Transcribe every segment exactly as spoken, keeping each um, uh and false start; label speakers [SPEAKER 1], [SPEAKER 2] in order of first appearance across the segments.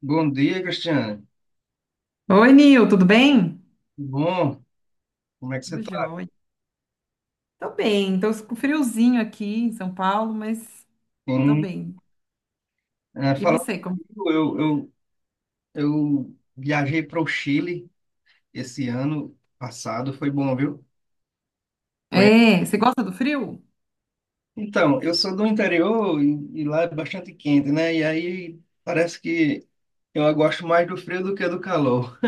[SPEAKER 1] Bom dia, Cristiane.
[SPEAKER 2] Oi, Nil, tudo bem?
[SPEAKER 1] Bom, como é que você
[SPEAKER 2] Tudo
[SPEAKER 1] está?
[SPEAKER 2] jóia. Tô bem, tô com friozinho aqui em São Paulo, mas tô bem. E
[SPEAKER 1] Falando
[SPEAKER 2] você, como...
[SPEAKER 1] comigo, eu, eu, eu viajei para o Chile esse ano passado, foi bom, viu? Conhe-
[SPEAKER 2] É, você gosta do frio?
[SPEAKER 1] Então, eu sou do interior e, e lá é bastante quente, né? E aí parece que eu gosto mais do frio do que do calor.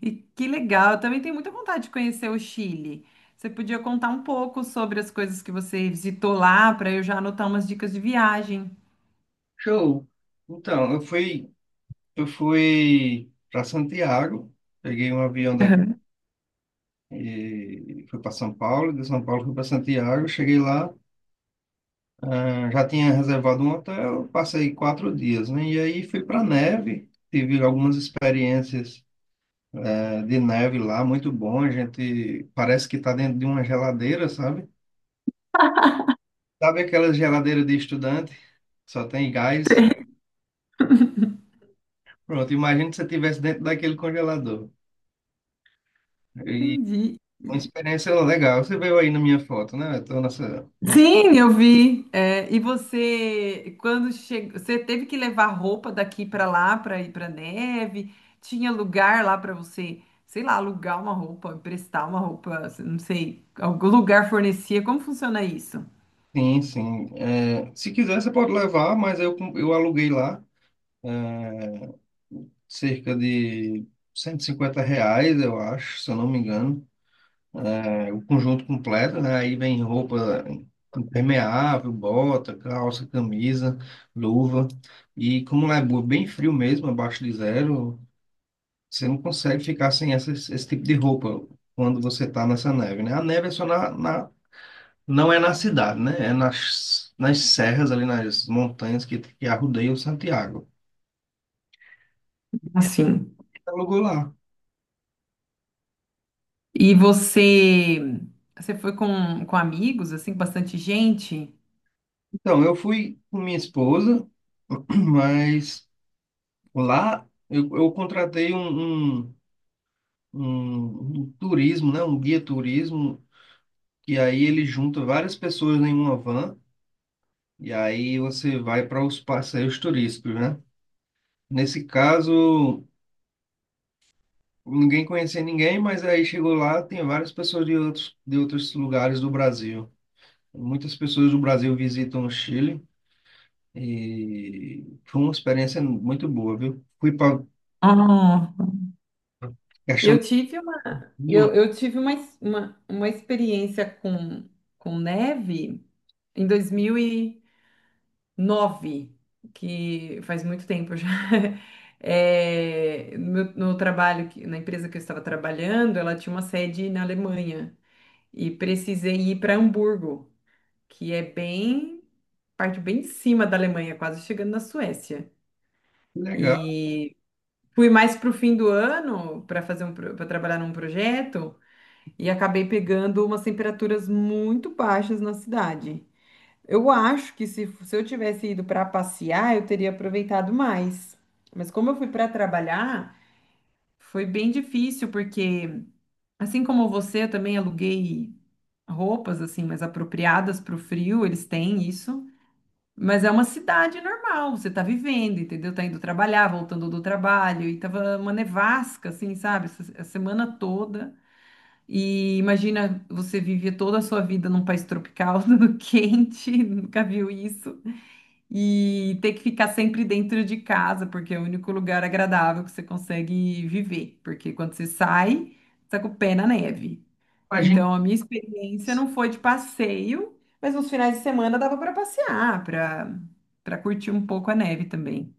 [SPEAKER 2] E que legal, eu também tenho muita vontade de conhecer o Chile. Você podia contar um pouco sobre as coisas que você visitou lá, para eu já anotar umas dicas de viagem.
[SPEAKER 1] Show! Então, eu fui, eu fui para Santiago, peguei um avião daqui, e fui para São Paulo, de São Paulo fui para Santiago, cheguei lá. Ah, já tinha reservado um hotel, passei quatro dias, né? E aí fui para neve, tive algumas experiências eh, de neve lá, muito bom. A gente parece que está dentro de uma geladeira, sabe? Sabe aquelas geladeiras de estudante, que só tem gás? Pronto, imagina se você estivesse dentro daquele congelador. E
[SPEAKER 2] Entendi.
[SPEAKER 1] uma experiência legal. Você veio aí na minha foto, né? Então, nessa...
[SPEAKER 2] Sim, eu vi. É, e você, quando chegou, você teve que levar roupa daqui para lá para ir para neve? Tinha lugar lá para você, sei lá, alugar uma roupa, emprestar uma roupa, não sei, algum lugar fornecia. Como funciona isso?
[SPEAKER 1] Sim, sim. Eh, se quiser, você pode levar, mas eu, eu aluguei lá. Cerca de cento e cinquenta reais, eu acho, se eu não me engano. É, o conjunto completo, né? Aí vem roupa impermeável, bota, calça, camisa, luva. E como lá é bu- bem frio mesmo, abaixo de zero, você não consegue ficar sem essa, esse tipo de roupa quando você tá nessa neve, né? A neve é só na, na- não é na cidade, né? É nas, nas serras ali, nas montanhas que, que arrodeiam Santiago.
[SPEAKER 2] Assim.
[SPEAKER 1] Alugou lá.
[SPEAKER 2] E você, você foi com, com amigos, assim, com bastante gente?
[SPEAKER 1] Então, eu fui com minha esposa, mas lá eu, eu contratei um, um, um- um turismo, né? Um guia turismo, que aí ele junta várias pessoas em uma van, e aí você vai para os passeios turísticos, né? Nesse caso, ninguém conhecia ninguém, mas aí chegou lá, tem várias pessoas de outros, de outros lugares do Brasil. Muitas pessoas do Brasil visitam o Chile, e foi uma experiência muito boa, viu? Fui para
[SPEAKER 2] Ah, eu tive uma,
[SPEAKER 1] Rio,
[SPEAKER 2] eu, eu tive uma, uma, uma experiência com, com neve em dois mil e nove, que faz muito tempo já. É, no, meu- no trabalho, que- na empresa que eu estava trabalhando, ela tinha uma sede na Alemanha e precisei ir para Hamburgo, que é bem, parte bem em cima da Alemanha, quase chegando na Suécia.
[SPEAKER 1] que legal.
[SPEAKER 2] E fui mais para o fim do ano para fazer um, para trabalhar num projeto e acabei pegando umas temperaturas muito baixas na cidade. Eu acho que se, se eu tivesse ido para passear, eu teria aproveitado mais. Mas como eu fui para trabalhar, foi bem difícil, porque assim como você, eu também aluguei roupas assim mais apropriadas para o frio, eles têm isso. Mas é uma cidade normal, você tá vivendo, entendeu? Tá indo trabalhar, voltando do trabalho, e tava uma nevasca, assim, sabe? Essa- A semana toda. E imagina, você vive toda a sua vida num país tropical, tudo quente, nunca viu isso e ter que ficar sempre dentro de casa, porque é o único lugar agradável que você consegue viver, porque quando você sai, tá com o pé na neve. Hum.
[SPEAKER 1] Imagino,
[SPEAKER 2] Então, a minha experiência não foi de passeio, mas nos finais de semana dava para passear, para para curtir um pouco a neve também.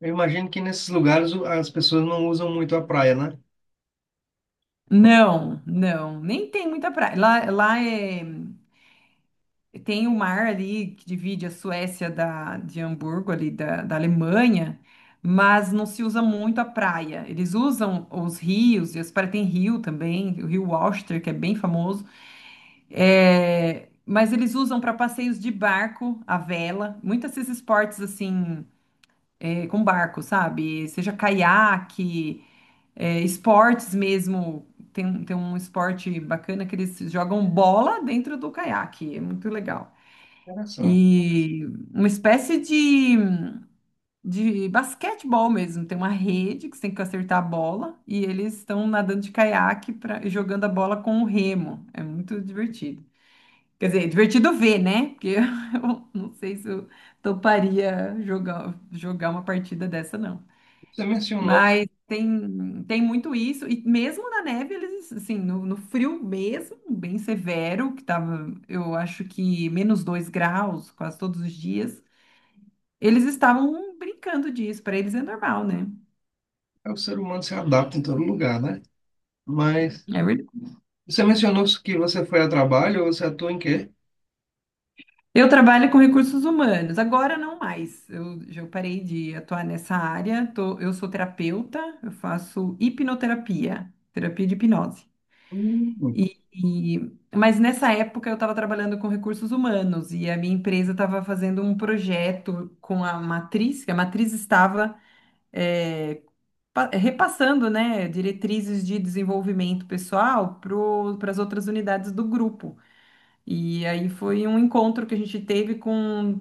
[SPEAKER 1] eu imagino que nesses lugares o- as pessoas não usam muito a praia, né?
[SPEAKER 2] Não, não, nem tem muita praia. Lá, lá é. E tem o mar ali que divide a Suécia da, de Hamburgo, ali da, da Alemanha, mas não se usa muito a praia. Eles usam os rios, e as praias tem rio também, o rio Alster, que é bem famoso. É, mas eles usam para passeios de barco, a vela, muitos desses esportes assim, é, com barco, sabe? Seja caiaque, é, esportes mesmo. Tem, tem um esporte bacana que eles jogam bola dentro do caiaque, é muito legal.
[SPEAKER 1] Interessante.
[SPEAKER 2] E uma espécie de, de basquetebol mesmo. Tem uma rede que você tem que acertar a bola e eles estão nadando de caiaque pra, e jogando a bola com o remo. É muito divertido. Quer dizer, é divertido ver, né? Porque eu não sei se eu toparia jogar, jogar uma partida dessa, não.
[SPEAKER 1] Você mencionou
[SPEAKER 2] Mas tem, tem muito isso. E mesmo na neve, eles, assim, no, no frio mesmo, bem severo, que tava, eu acho que menos dois graus quase todos os dias. Eles estavam brincando disso, para eles é normal, né?
[SPEAKER 1] que o ser humano se adapta em todo lugar, né? Mas
[SPEAKER 2] É verdade.
[SPEAKER 1] você mencionou que você foi a trabalho, você atua em quê?
[SPEAKER 2] Eu trabalho com recursos humanos, agora não mais. Eu já parei de atuar nessa área. Tô- eu sou terapeuta, eu faço hipnoterapia, terapia de hipnose.
[SPEAKER 1] Hum,
[SPEAKER 2] E, e- mas nessa época eu estava trabalhando com recursos humanos e a minha empresa estava fazendo um projeto com a matriz, que a matriz estava eh, pa- repassando, né, diretrizes de desenvolvimento pessoal para as outras unidades do grupo. E aí foi um encontro que a gente teve com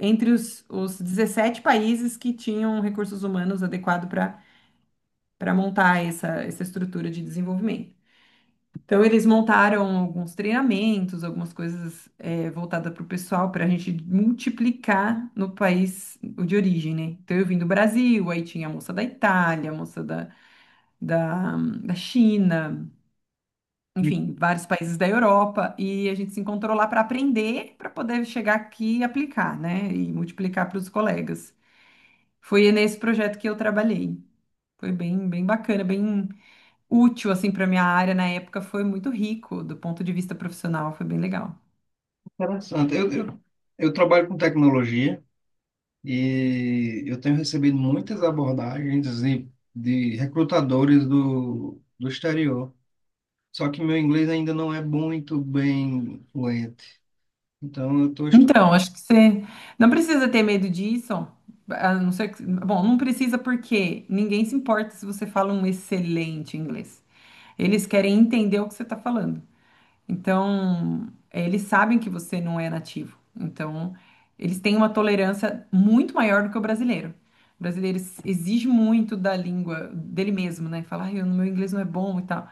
[SPEAKER 2] entre os, os dezessete países que tinham recursos humanos adequado para para montar essa, essa estrutura de desenvolvimento. Então, eles montaram alguns treinamentos, algumas coisas é, voltadas para o pessoal, para a gente multiplicar no país o de origem, né? Então, eu vim do Brasil, aí tinha a moça da Itália, a moça da, da, da China,
[SPEAKER 1] muito
[SPEAKER 2] enfim, vários países da Europa, e a gente se encontrou lá para aprender, para poder chegar aqui e aplicar, né? E multiplicar para os colegas. Foi nesse projeto que eu trabalhei. Foi bem, bem bacana, bem útil, assim, para minha área na época. Foi muito rico do ponto de vista profissional, foi bem legal.
[SPEAKER 1] interessante. Eu, eu, eu trabalho com tecnologia e eu tenho recebido muitas abordagens de, de recrutadores do, do exterior. Só que meu inglês ainda não é muito bem fluente. Então, eu estou
[SPEAKER 2] Então, acho que você não precisa ter medo disso. A não ser que... Bom, não precisa porque ninguém se importa se você fala um excelente inglês. Eles querem entender o que você está falando. Então, eles sabem que você não é nativo. Então, eles têm uma tolerância muito maior do que o brasileiro. O brasileiro ex- exige muito da língua dele mesmo, né? Fala, ai, o meu inglês não é bom e tal.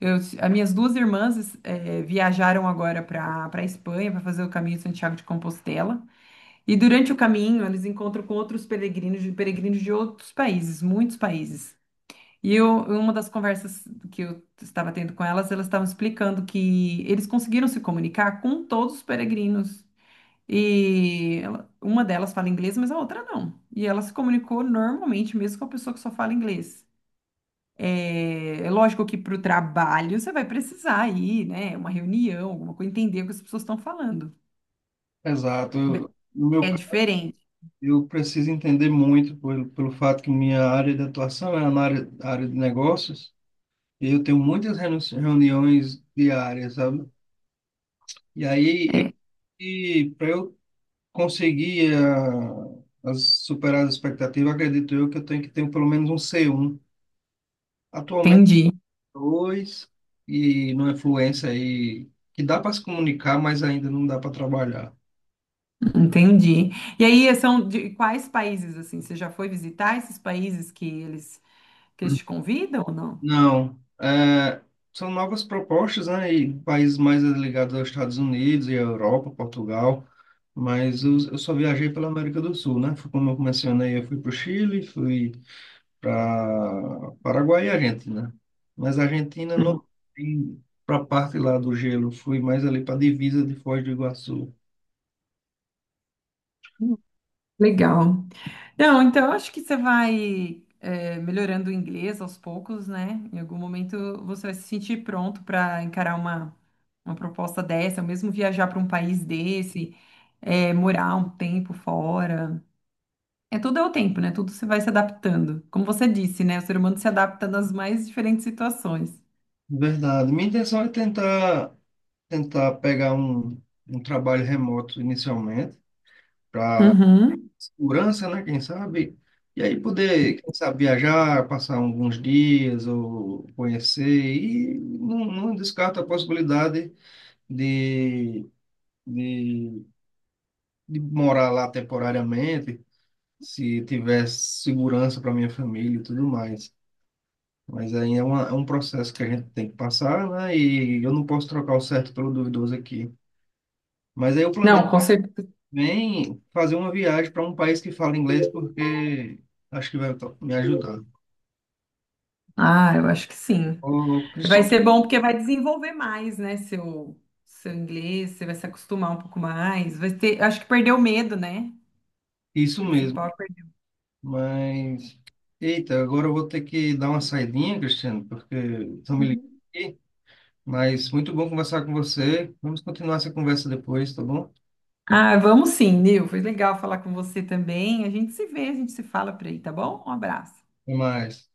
[SPEAKER 2] Eu, as minhas duas irmãs eh, viajaram agora para para Espanha para fazer o caminho de Santiago de Compostela. E durante o caminho, eles encontram com outros peregrinos, de- peregrinos de outros países, muitos países. E eu, uma das conversas que eu estava tendo com elas, elas estavam explicando que eles conseguiram se comunicar com todos os peregrinos. E ela- uma delas fala inglês, mas a outra não. E ela se comunicou normalmente, mesmo com a pessoa que só fala inglês. É, é lógico que para o trabalho você vai precisar ir, né? Uma reunião, alguma coisa, entender o que as pessoas estão falando.
[SPEAKER 1] exato.
[SPEAKER 2] Be-
[SPEAKER 1] Eu- no meu
[SPEAKER 2] é
[SPEAKER 1] caso,
[SPEAKER 2] diferente.
[SPEAKER 1] eu preciso entender muito pelo, pelo fato que minha área de atuação é na área, área de negócios e eu tenho muitas renu- reuniões diárias, sabe? E aí,
[SPEAKER 2] É,
[SPEAKER 1] para eu conseguir ah, as- superar as expectativas, acredito eu que eu tenho que ter pelo menos um c um. Atualmente,
[SPEAKER 2] entendi,
[SPEAKER 1] dois e numa fluência aí que dá para se comunicar, mas ainda não dá para trabalhar.
[SPEAKER 2] entendi. E aí, são de quais países, assim? Você já foi visitar esses países que eles. Que eles te convidam ou não?
[SPEAKER 1] Não, é, são novas propostas, né? E países mais ligados aos Estados Unidos e à Europa, Portugal, mas eu, eu só viajei pela América do Sul, né? Foi como eu mencionei, eu fui para o Chile, fui para Paraguai e Argentina. Mas a Argentina não fui para a parte lá do gelo, fui mais ali para a divisa de Foz do Iguaçu.
[SPEAKER 2] Hum. Legal. Não, então eu acho que você vai é, melhorando o inglês aos poucos, né? Em algum momento você vai se sentir pronto para encarar uma, uma proposta dessa, ou mesmo viajar para um país desse, é, morar um tempo fora. É tudo é o tempo, né? Tudo você vai se adaptando. Como você disse, né? O ser humano se adapta nas mais diferentes situações.
[SPEAKER 1] Verdade. Minha intenção é tentar, tentar pegar um, um trabalho remoto inicialmente.
[SPEAKER 2] Uhum.
[SPEAKER 1] Segurança, né? Quem sabe? E aí poder, quem sabe, viajar, passar alguns dias ou conhecer. E não, não descarto a possibilidade de, de, de morar lá temporariamente, se tiver segurança para minha família e tudo mais. Mas aí é uma, é um processo que a gente tem que passar, né? E eu não posso trocar o certo pelo duvidoso aqui. Mas aí eu planejo
[SPEAKER 2] Não, com certeza.
[SPEAKER 1] bem fazer uma viagem para um país que fala inglês, porque acho que vai me ajudar.
[SPEAKER 2] Ah, eu acho que sim.
[SPEAKER 1] Ô,
[SPEAKER 2] Vai
[SPEAKER 1] Cristiano,
[SPEAKER 2] ser bom porque vai desenvolver mais, né? Seu, seu inglês, você vai se acostumar um pouco mais. Vai ter, acho que perdeu o medo, né? O
[SPEAKER 1] isso mesmo,
[SPEAKER 2] principal. É per-
[SPEAKER 1] mas eita, agora eu vou ter que dar uma saidinha, Cristiano, porque estão me ligando
[SPEAKER 2] Uhum.
[SPEAKER 1] aqui, mas muito bom conversar com você. Vamos continuar essa conversa depois, tá bom?
[SPEAKER 2] Ah, vamos sim, Nil. Foi legal falar com você também. A gente se vê, a gente se fala por aí, tá bom? Um abraço.
[SPEAKER 1] Até mais.